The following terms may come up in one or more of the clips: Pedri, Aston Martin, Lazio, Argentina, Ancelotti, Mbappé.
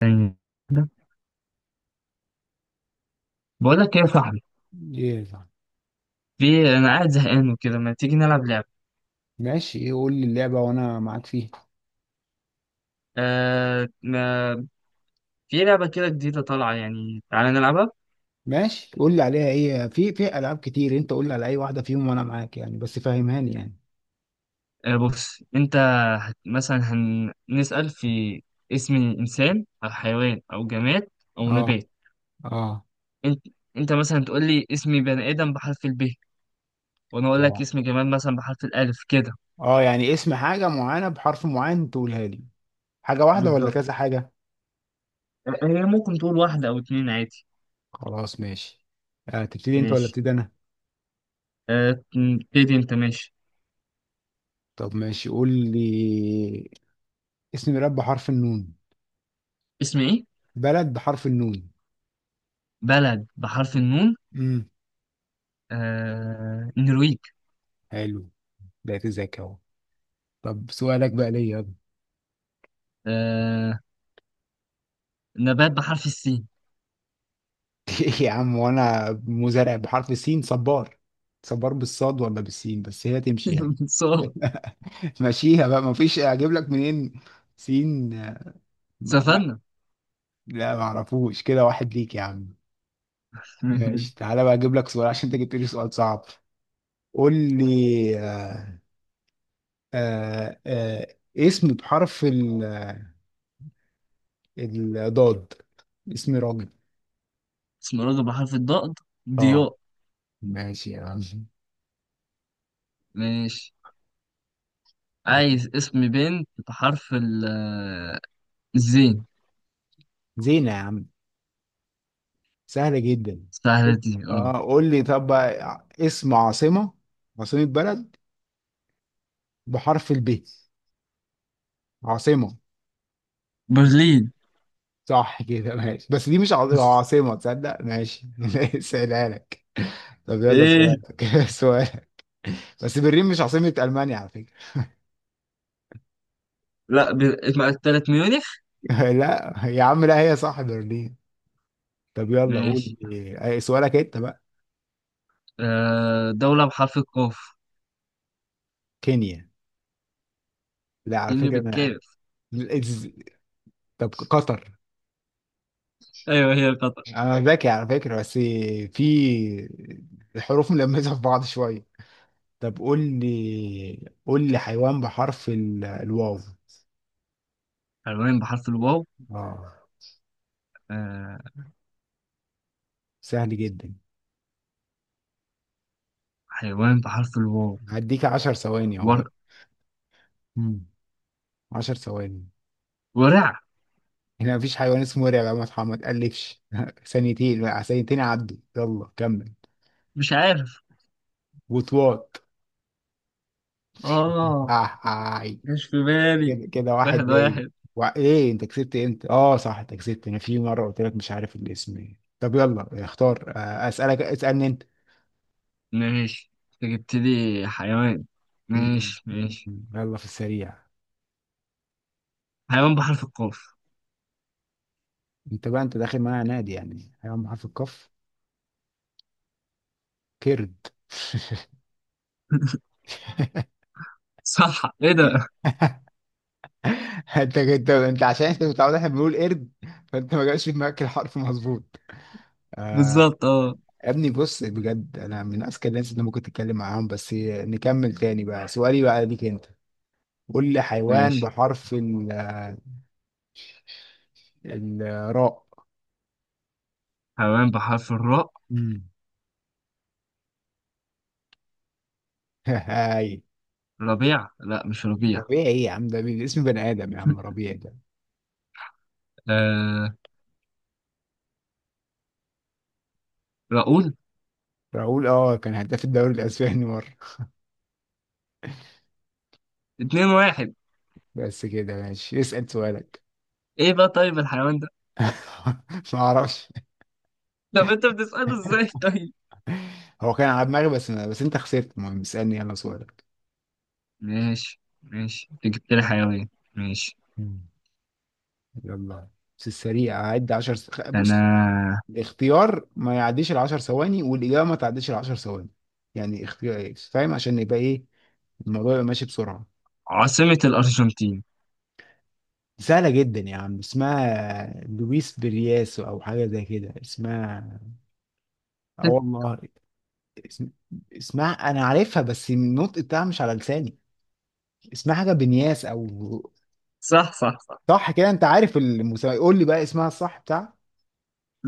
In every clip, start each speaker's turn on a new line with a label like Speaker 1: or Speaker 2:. Speaker 1: ثانية واحدة. بقول لك ايه يا صاحبي،
Speaker 2: يلا،
Speaker 1: في انا قاعد زهقان وكده، ما تيجي نلعب لعبة؟
Speaker 2: ماشي، ايه؟ قول لي اللعبة وانا معاك فيها.
Speaker 1: آه ما في لعبة كده جديدة طالعة يعني، تعالى نلعبها.
Speaker 2: ماشي قول لي عليها. ايه، في العاب كتير، انت قول لي على اي واحدة فيهم وانا معاك يعني، بس فهمهاني يعني.
Speaker 1: بص انت مثلا هنسأل في اسم انسان او حيوان او جماد او
Speaker 2: اه،
Speaker 1: نبات.
Speaker 2: اه،
Speaker 1: انت انت مثلا تقول لي اسمي بني ادم بحرف الب، وانا اقول لك
Speaker 2: اه،
Speaker 1: اسم جماد مثلا بحرف الالف كده.
Speaker 2: اه، يعني اسم حاجة معينة بحرف معين تقولها لي. حاجة واحدة ولا
Speaker 1: بالظبط.
Speaker 2: كذا حاجة؟
Speaker 1: هي ممكن تقول واحدة او اتنين عادي.
Speaker 2: خلاص، ماشي. تبتدي انت ولا
Speaker 1: ماشي.
Speaker 2: ابتدي انا؟
Speaker 1: آه، ابتدي انت، ماشي.
Speaker 2: طب ماشي قول لي اسم بلد بحرف النون.
Speaker 1: اسم ايه؟
Speaker 2: بلد بحرف النون.
Speaker 1: بلد بحرف النون؟
Speaker 2: امم
Speaker 1: النرويج.
Speaker 2: حلو. بقيت ذكي اهو. طب سؤالك بقى ليا، يلا.
Speaker 1: آه... نبات بحرف السين.
Speaker 2: يا عم، وانا مزارع بحرف السين، صبار. صبار بالصاد ولا بالسين؟ بس هي تمشي يعني.
Speaker 1: صار.
Speaker 2: ماشيها بقى، مفيش اجيب لك منين. سين. ما لا.
Speaker 1: سفنة.
Speaker 2: لا، معرفوش. كده واحد ليك يا عم. ماشي، تعالى بقى اجيب لك سؤال، عشان انت جبت لي سؤال صعب. قول لي، اسم بحرف الضاد. اسم راجل.
Speaker 1: اسمرالد بحرف الضاد.
Speaker 2: اه،
Speaker 1: ضياء.
Speaker 2: ماشي يا عم.
Speaker 1: ماشي، عايز اسم بنت بحرف الزين.
Speaker 2: زينة يا عم، سهلة جدا.
Speaker 1: سهلة
Speaker 2: قول-
Speaker 1: دي اه.
Speaker 2: اه قول لي طب بقى، اسم عاصمة بلد بحرف الب. عاصمة.
Speaker 1: برلين.
Speaker 2: صح كده ماشي، بس دي مش عاصمة عاصمة، تصدق؟ ماشي سهلها لك. طب يلا
Speaker 1: ايه؟
Speaker 2: سؤالك. سؤالك. بس برلين مش عاصمة ألمانيا على فكرة.
Speaker 1: لا، ب... اسمها التالت ميونخ.
Speaker 2: لا يا عم، لا هي صح برلين. طب يلا،
Speaker 1: ماشي.
Speaker 2: أي سؤالك انت بقى؟
Speaker 1: آه، دولة بحرف القاف.
Speaker 2: كينيا. لا على
Speaker 1: فيني
Speaker 2: فكرة انا
Speaker 1: بالكاف.
Speaker 2: إز- طب قطر.
Speaker 1: ايوه هي قطر.
Speaker 2: انا ذكي على فكرة، بس في الحروف ملمسة في بعض شوية. طب قول لي حيوان بحرف الواو.
Speaker 1: حيوان بحرف الواو.
Speaker 2: اه،
Speaker 1: آه،
Speaker 2: سهل جدا.
Speaker 1: حيوان بحرف الواو.
Speaker 2: هديك 10 ثواني
Speaker 1: ور...
Speaker 2: اهو. مم. 10 ثواني.
Speaker 1: ورع.
Speaker 2: هنا مفيش حيوان اسمه ورع يا محمد، ما تقلفش. ثانيتين لا، ثانيتين عدوا، يلا كمل.
Speaker 1: مش عارف.
Speaker 2: وطواط.
Speaker 1: آه، مش في بالي.
Speaker 2: كده كده واحد
Speaker 1: واحد
Speaker 2: ليا.
Speaker 1: واحد.
Speaker 2: ايه، انت كسبت امتى؟ اه صح، انت كسبت. انا في مره قلت لك مش عارف الاسم ايه. طب يلا اختار، اسالني انت.
Speaker 1: ماشي، أنت جبت لي حيوان.
Speaker 2: مم.
Speaker 1: ماشي ماشي.
Speaker 2: يلا في السريع.
Speaker 1: حيوان بحرف القاف.
Speaker 2: انت بقى، انت داخل معايا نادي يعني؟ حيوان بحرف القاف، كرد.
Speaker 1: صح، إيه ده؟
Speaker 2: انت عشان انت متعود احنا بنقول قرد، فانت ما جاش في دماغك الحرف مظبوط.
Speaker 1: بالظبط، آه.
Speaker 2: يا ابني بص، بجد انا من اذكى الناس اللي ممكن تتكلم معاهم، بس نكمل تاني بقى. سؤالي بقى ليك انت. قول لي حيوان
Speaker 1: ماشي.
Speaker 2: بحرف الراء.
Speaker 1: حيوان بحرف الراء.
Speaker 2: امم هاي.
Speaker 1: ربيع، لا مش ربيع.
Speaker 2: ربيع ايه يا عم، ده اسم بني ادم يا عم، ربيع ده.
Speaker 1: آه، راؤول.
Speaker 2: راؤول، كان هداف الدوري الاسباني مره.
Speaker 1: اتنين واحد.
Speaker 2: بس كده ماشي، اسال سؤالك.
Speaker 1: إيه بقى طيب الحيوان ده؟
Speaker 2: ما اعرفش.
Speaker 1: طب أنت بتسأله إزاي طيب؟
Speaker 2: هو كان على دماغي، بس انت خسرت. المهم اسالني، يلا سؤالك.
Speaker 1: ماشي ماشي، أنت جبت لي حيوان. ماشي.
Speaker 2: مم. يلا بس السريع، هعد 10 بص.
Speaker 1: أنا.
Speaker 2: الاختيار ما يعديش ال 10 ثواني، والاجابه ما تعديش ال 10 ثواني. يعني اختيار، فاهم؟ عشان يبقى ايه الموضوع. يبقى ماشي بسرعه.
Speaker 1: عاصمة الأرجنتين.
Speaker 2: سهلة جدا يا عم، اسمها لويس برياسو أو حاجة زي كده اسمها. اه والله. اسم... اسمها أنا عارفها، بس النطق بتاعها مش على لساني. اسمها حاجة بنياس، أو...
Speaker 1: صح صح صح.
Speaker 2: صح كده، أنت عارف المسمى. قول لي بقى اسمها الصح بتاع.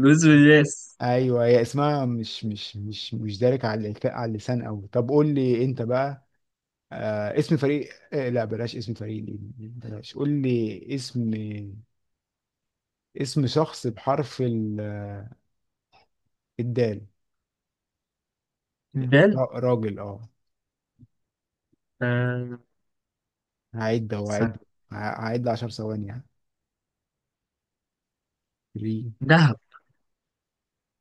Speaker 1: لويس فياس.
Speaker 2: أيوه هي اسمها مش دارك على على اللسان أوي. طب قول لي أنت بقى. اسم فريق، لا بلاش اسم فريق دي، بلاش. قول لي اسم شخص بحرف الدال. راجل، اه.
Speaker 1: آه،
Speaker 2: هعد اهو،
Speaker 1: استنى.
Speaker 2: هعد هعد 10 ثواني يعني. 3.
Speaker 1: دهب.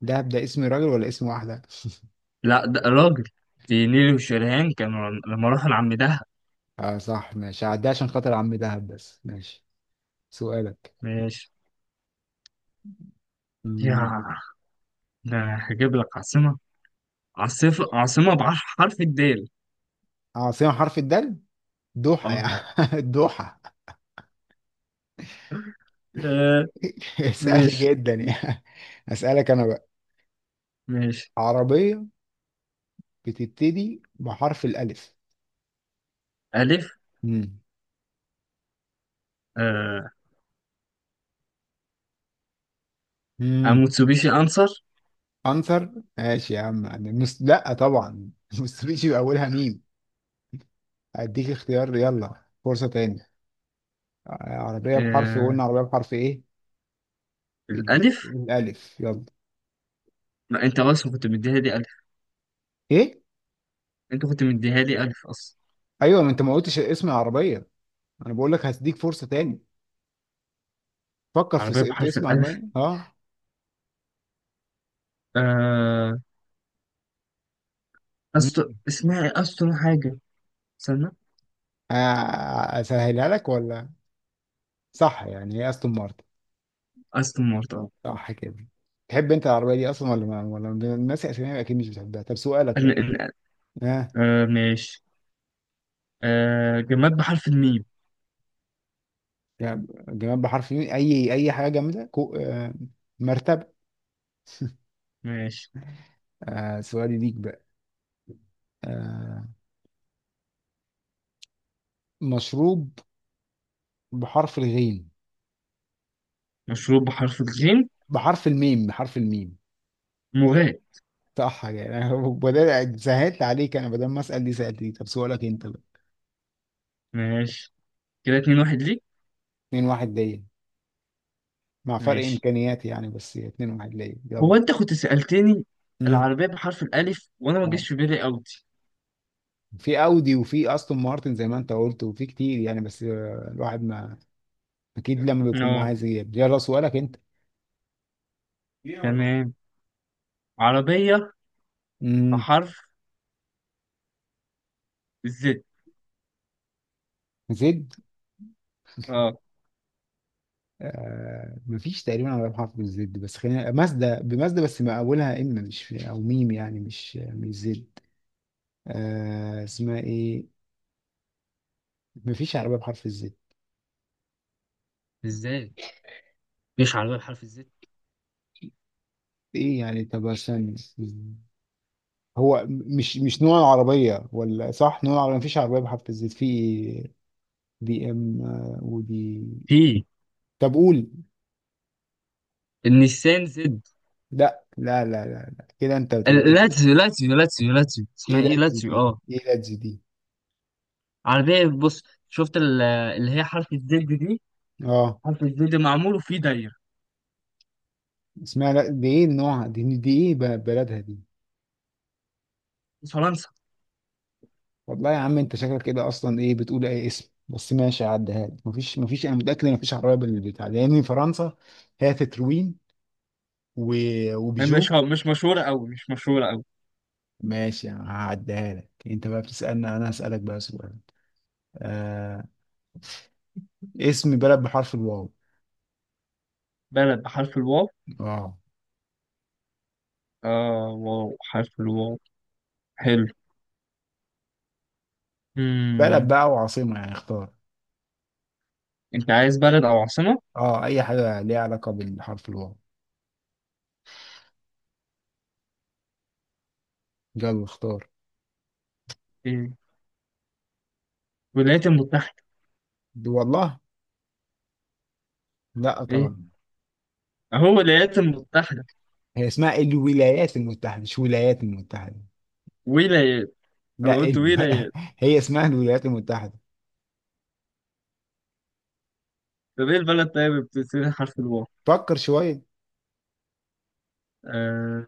Speaker 2: دهب، ده اسم راجل ولا اسم واحدة؟
Speaker 1: لا ده راجل، دي نيلي وشريهان كانوا لما راحوا لعم دهب.
Speaker 2: اه صح، ماشي، هعديها عشان خاطر عم دهب. بس ماشي سؤالك.
Speaker 1: ماشي
Speaker 2: مم.
Speaker 1: يا، ده هجيب لك عاصمة. عاصمة بحرف الدال.
Speaker 2: عاصمة حرف الدال؟ دوحة
Speaker 1: اه.
Speaker 2: يعني. دوحة.
Speaker 1: آه،
Speaker 2: سهل
Speaker 1: ماشي.
Speaker 2: جدا يعني. أسألك أنا بقى.
Speaker 1: ماشي،
Speaker 2: عربية بتبتدي بحرف الألف.
Speaker 1: ألف.
Speaker 2: مم.
Speaker 1: آه.
Speaker 2: مم.
Speaker 1: أموتسوبيشي أنصر.
Speaker 2: أنصر. ماشي يا عم، أنا لا طبعا مستبيشي بأولها ميم. أديك اختيار يلا، فرصة تاني. عربية بحرف، قلنا
Speaker 1: آه،
Speaker 2: عربية بحرف ايه؟
Speaker 1: الألف.
Speaker 2: الألف يلا.
Speaker 1: ما أنت أصلا كنت مديها لي ألف،
Speaker 2: ايه؟
Speaker 1: أنت كنت مديها لي ألف أصلا.
Speaker 2: ايوه، ما انت ما قلتش اسم العربية. انا بقول لك هديك فرصة تاني. فكر في,
Speaker 1: عربية
Speaker 2: س- في
Speaker 1: بحرف
Speaker 2: اسم
Speaker 1: الألف.
Speaker 2: عربية، اه.
Speaker 1: آه، أستو
Speaker 2: مم.
Speaker 1: اسمها إيه؟ أستون حاجة. استنى.
Speaker 2: اسهلها لك ولا؟ صح يعني، هي استون مارتن.
Speaker 1: أستون مارتن، اه.
Speaker 2: صح كده. تحب انت العربية دي اصلا ولا ما، ولا من الناس اسامي اكيد مش بتحبها. طب سؤالك يلا.
Speaker 1: ال- ال-
Speaker 2: ها، آه.
Speaker 1: ماشي. آه، جماد بحرف الميم.
Speaker 2: جماد بحرف مين، اي حاجة جامدة، كو... آه. مرتبة.
Speaker 1: ماشي.
Speaker 2: سؤالي ليك بقى. آه. مشروب بحرف الغين.
Speaker 1: مشروب بحرف الغين.
Speaker 2: بحرف الميم، بحرف الميم.
Speaker 1: مغال.
Speaker 2: صح يعني، أنا بدل سهلت عليك، انا بدل ما اسال دي سالت دي. طب سؤالك انت بقى.
Speaker 1: ماشي، كده اتنين واحد ليك.
Speaker 2: 2-1 ليا، مع فرق
Speaker 1: ماشي.
Speaker 2: امكانيات يعني. بس 2-1 ليا يلا.
Speaker 1: هو انت كنت سألتني
Speaker 2: مم.
Speaker 1: العربية بحرف الألف وأنا ما
Speaker 2: اه،
Speaker 1: جاش في بالي أوتي.
Speaker 2: في اودي وفي استون مارتن زي ما انت قلت، وفي كتير يعني، بس الواحد ما... اكيد لما بيكون
Speaker 1: اه،
Speaker 2: معاه زياد. يلا سؤالك انت.
Speaker 1: تمام. عربية
Speaker 2: امم
Speaker 1: بحرف الزد.
Speaker 2: زد.
Speaker 1: اه.
Speaker 2: مفيش تقريبا على حرف بالزد، بس خلينا مازدا، بمازدا، بس ما اولها ام، مش او ميم يعني، مش زد. اسمها ايه؟ مفيش عربية بحرف الزد.
Speaker 1: ازاي؟ مش عربية بحرف الزد؟
Speaker 2: ايه يعني؟ طب عشان هو مش نوع العربية ولا صح نوع العربية، مفيش عربية بحرف الزد في بي ام، ودي.
Speaker 1: في
Speaker 2: طب قول.
Speaker 1: النيسان زد.
Speaker 2: لا، لا، لا، لا، لا. كده انت بتقول
Speaker 1: لاتزيو لاتزيو
Speaker 2: ايه
Speaker 1: اسمها
Speaker 2: لا
Speaker 1: ايه،
Speaker 2: تزيد
Speaker 1: لاتزيو،
Speaker 2: دي،
Speaker 1: اه.
Speaker 2: ايه لا تزيد دي؟
Speaker 1: عربية، بص، شفت اللي هي حرف الزد دي؟
Speaker 2: اه،
Speaker 1: حرف الزد معمول وفيه دايرة.
Speaker 2: اسمها لا دي ايه، نوعها دي ايه، بلدها دي؟
Speaker 1: فرنسا.
Speaker 2: والله يا عم، انت شكلك كده اصلا ايه بتقول اي اسم. بس ماشي هعديها لك. مفيش انا متأكد ان مفيش عربية بالبتاع ده، لان فرنسا هي تتروين
Speaker 1: هي
Speaker 2: وبيجو.
Speaker 1: مش مشهورة أوي، مش مشهورة أوي.
Speaker 2: ماشي هعديها لك. انت بقى بتسألني، انا هسألك بقى سؤال. آه اسم بلد بحرف الواو.
Speaker 1: بلد بحرف الواو.
Speaker 2: اه،
Speaker 1: آه، واو، حرف الواو. حلو.
Speaker 2: بلد
Speaker 1: مم.
Speaker 2: بقى وعاصمة يعني، اختار.
Speaker 1: أنت عايز بلد أو عاصمة؟
Speaker 2: اه، اي حاجة ليها علاقة بالحرف الواو. يلا اختار.
Speaker 1: إيه، الولايات المتحدة.
Speaker 2: دي والله، لا
Speaker 1: إيه،
Speaker 2: طبعا.
Speaker 1: أهو الولايات المتحدة.
Speaker 2: هي اسمها الولايات المتحدة، مش ولايات المتحدة.
Speaker 1: ولايات، أنا
Speaker 2: لا
Speaker 1: قلت
Speaker 2: ال...
Speaker 1: ولايات.
Speaker 2: هي اسمها الولايات المتحدة.
Speaker 1: طب إيه البلد طيب اللي بتبتدي حرف الواو؟
Speaker 2: فكر شوية.
Speaker 1: آه.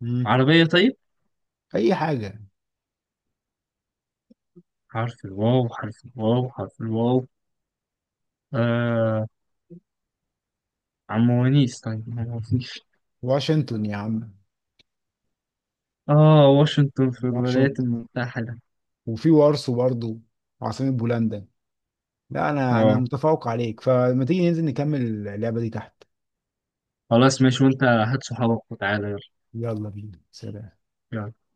Speaker 2: مم.
Speaker 1: عربية طيب؟
Speaker 2: اي حاجة.
Speaker 1: حرف الواو، حرف الواو، حرف الواو. آه، عم ونيس طيب، ما هو فيش.
Speaker 2: واشنطن يا عم.
Speaker 1: آه، واشنطن في الولايات
Speaker 2: واشنطن،
Speaker 1: المتحدة.
Speaker 2: وفي وارسو برضو، عاصمة بولندا. لا، انا
Speaker 1: آه.
Speaker 2: متفوق عليك، فلما تيجي ننزل نكمل اللعبة دي تحت.
Speaker 1: خلاص ماشي، وأنت هات صحابك وتعالى.
Speaker 2: يلا بينا، سلام.
Speaker 1: نعم.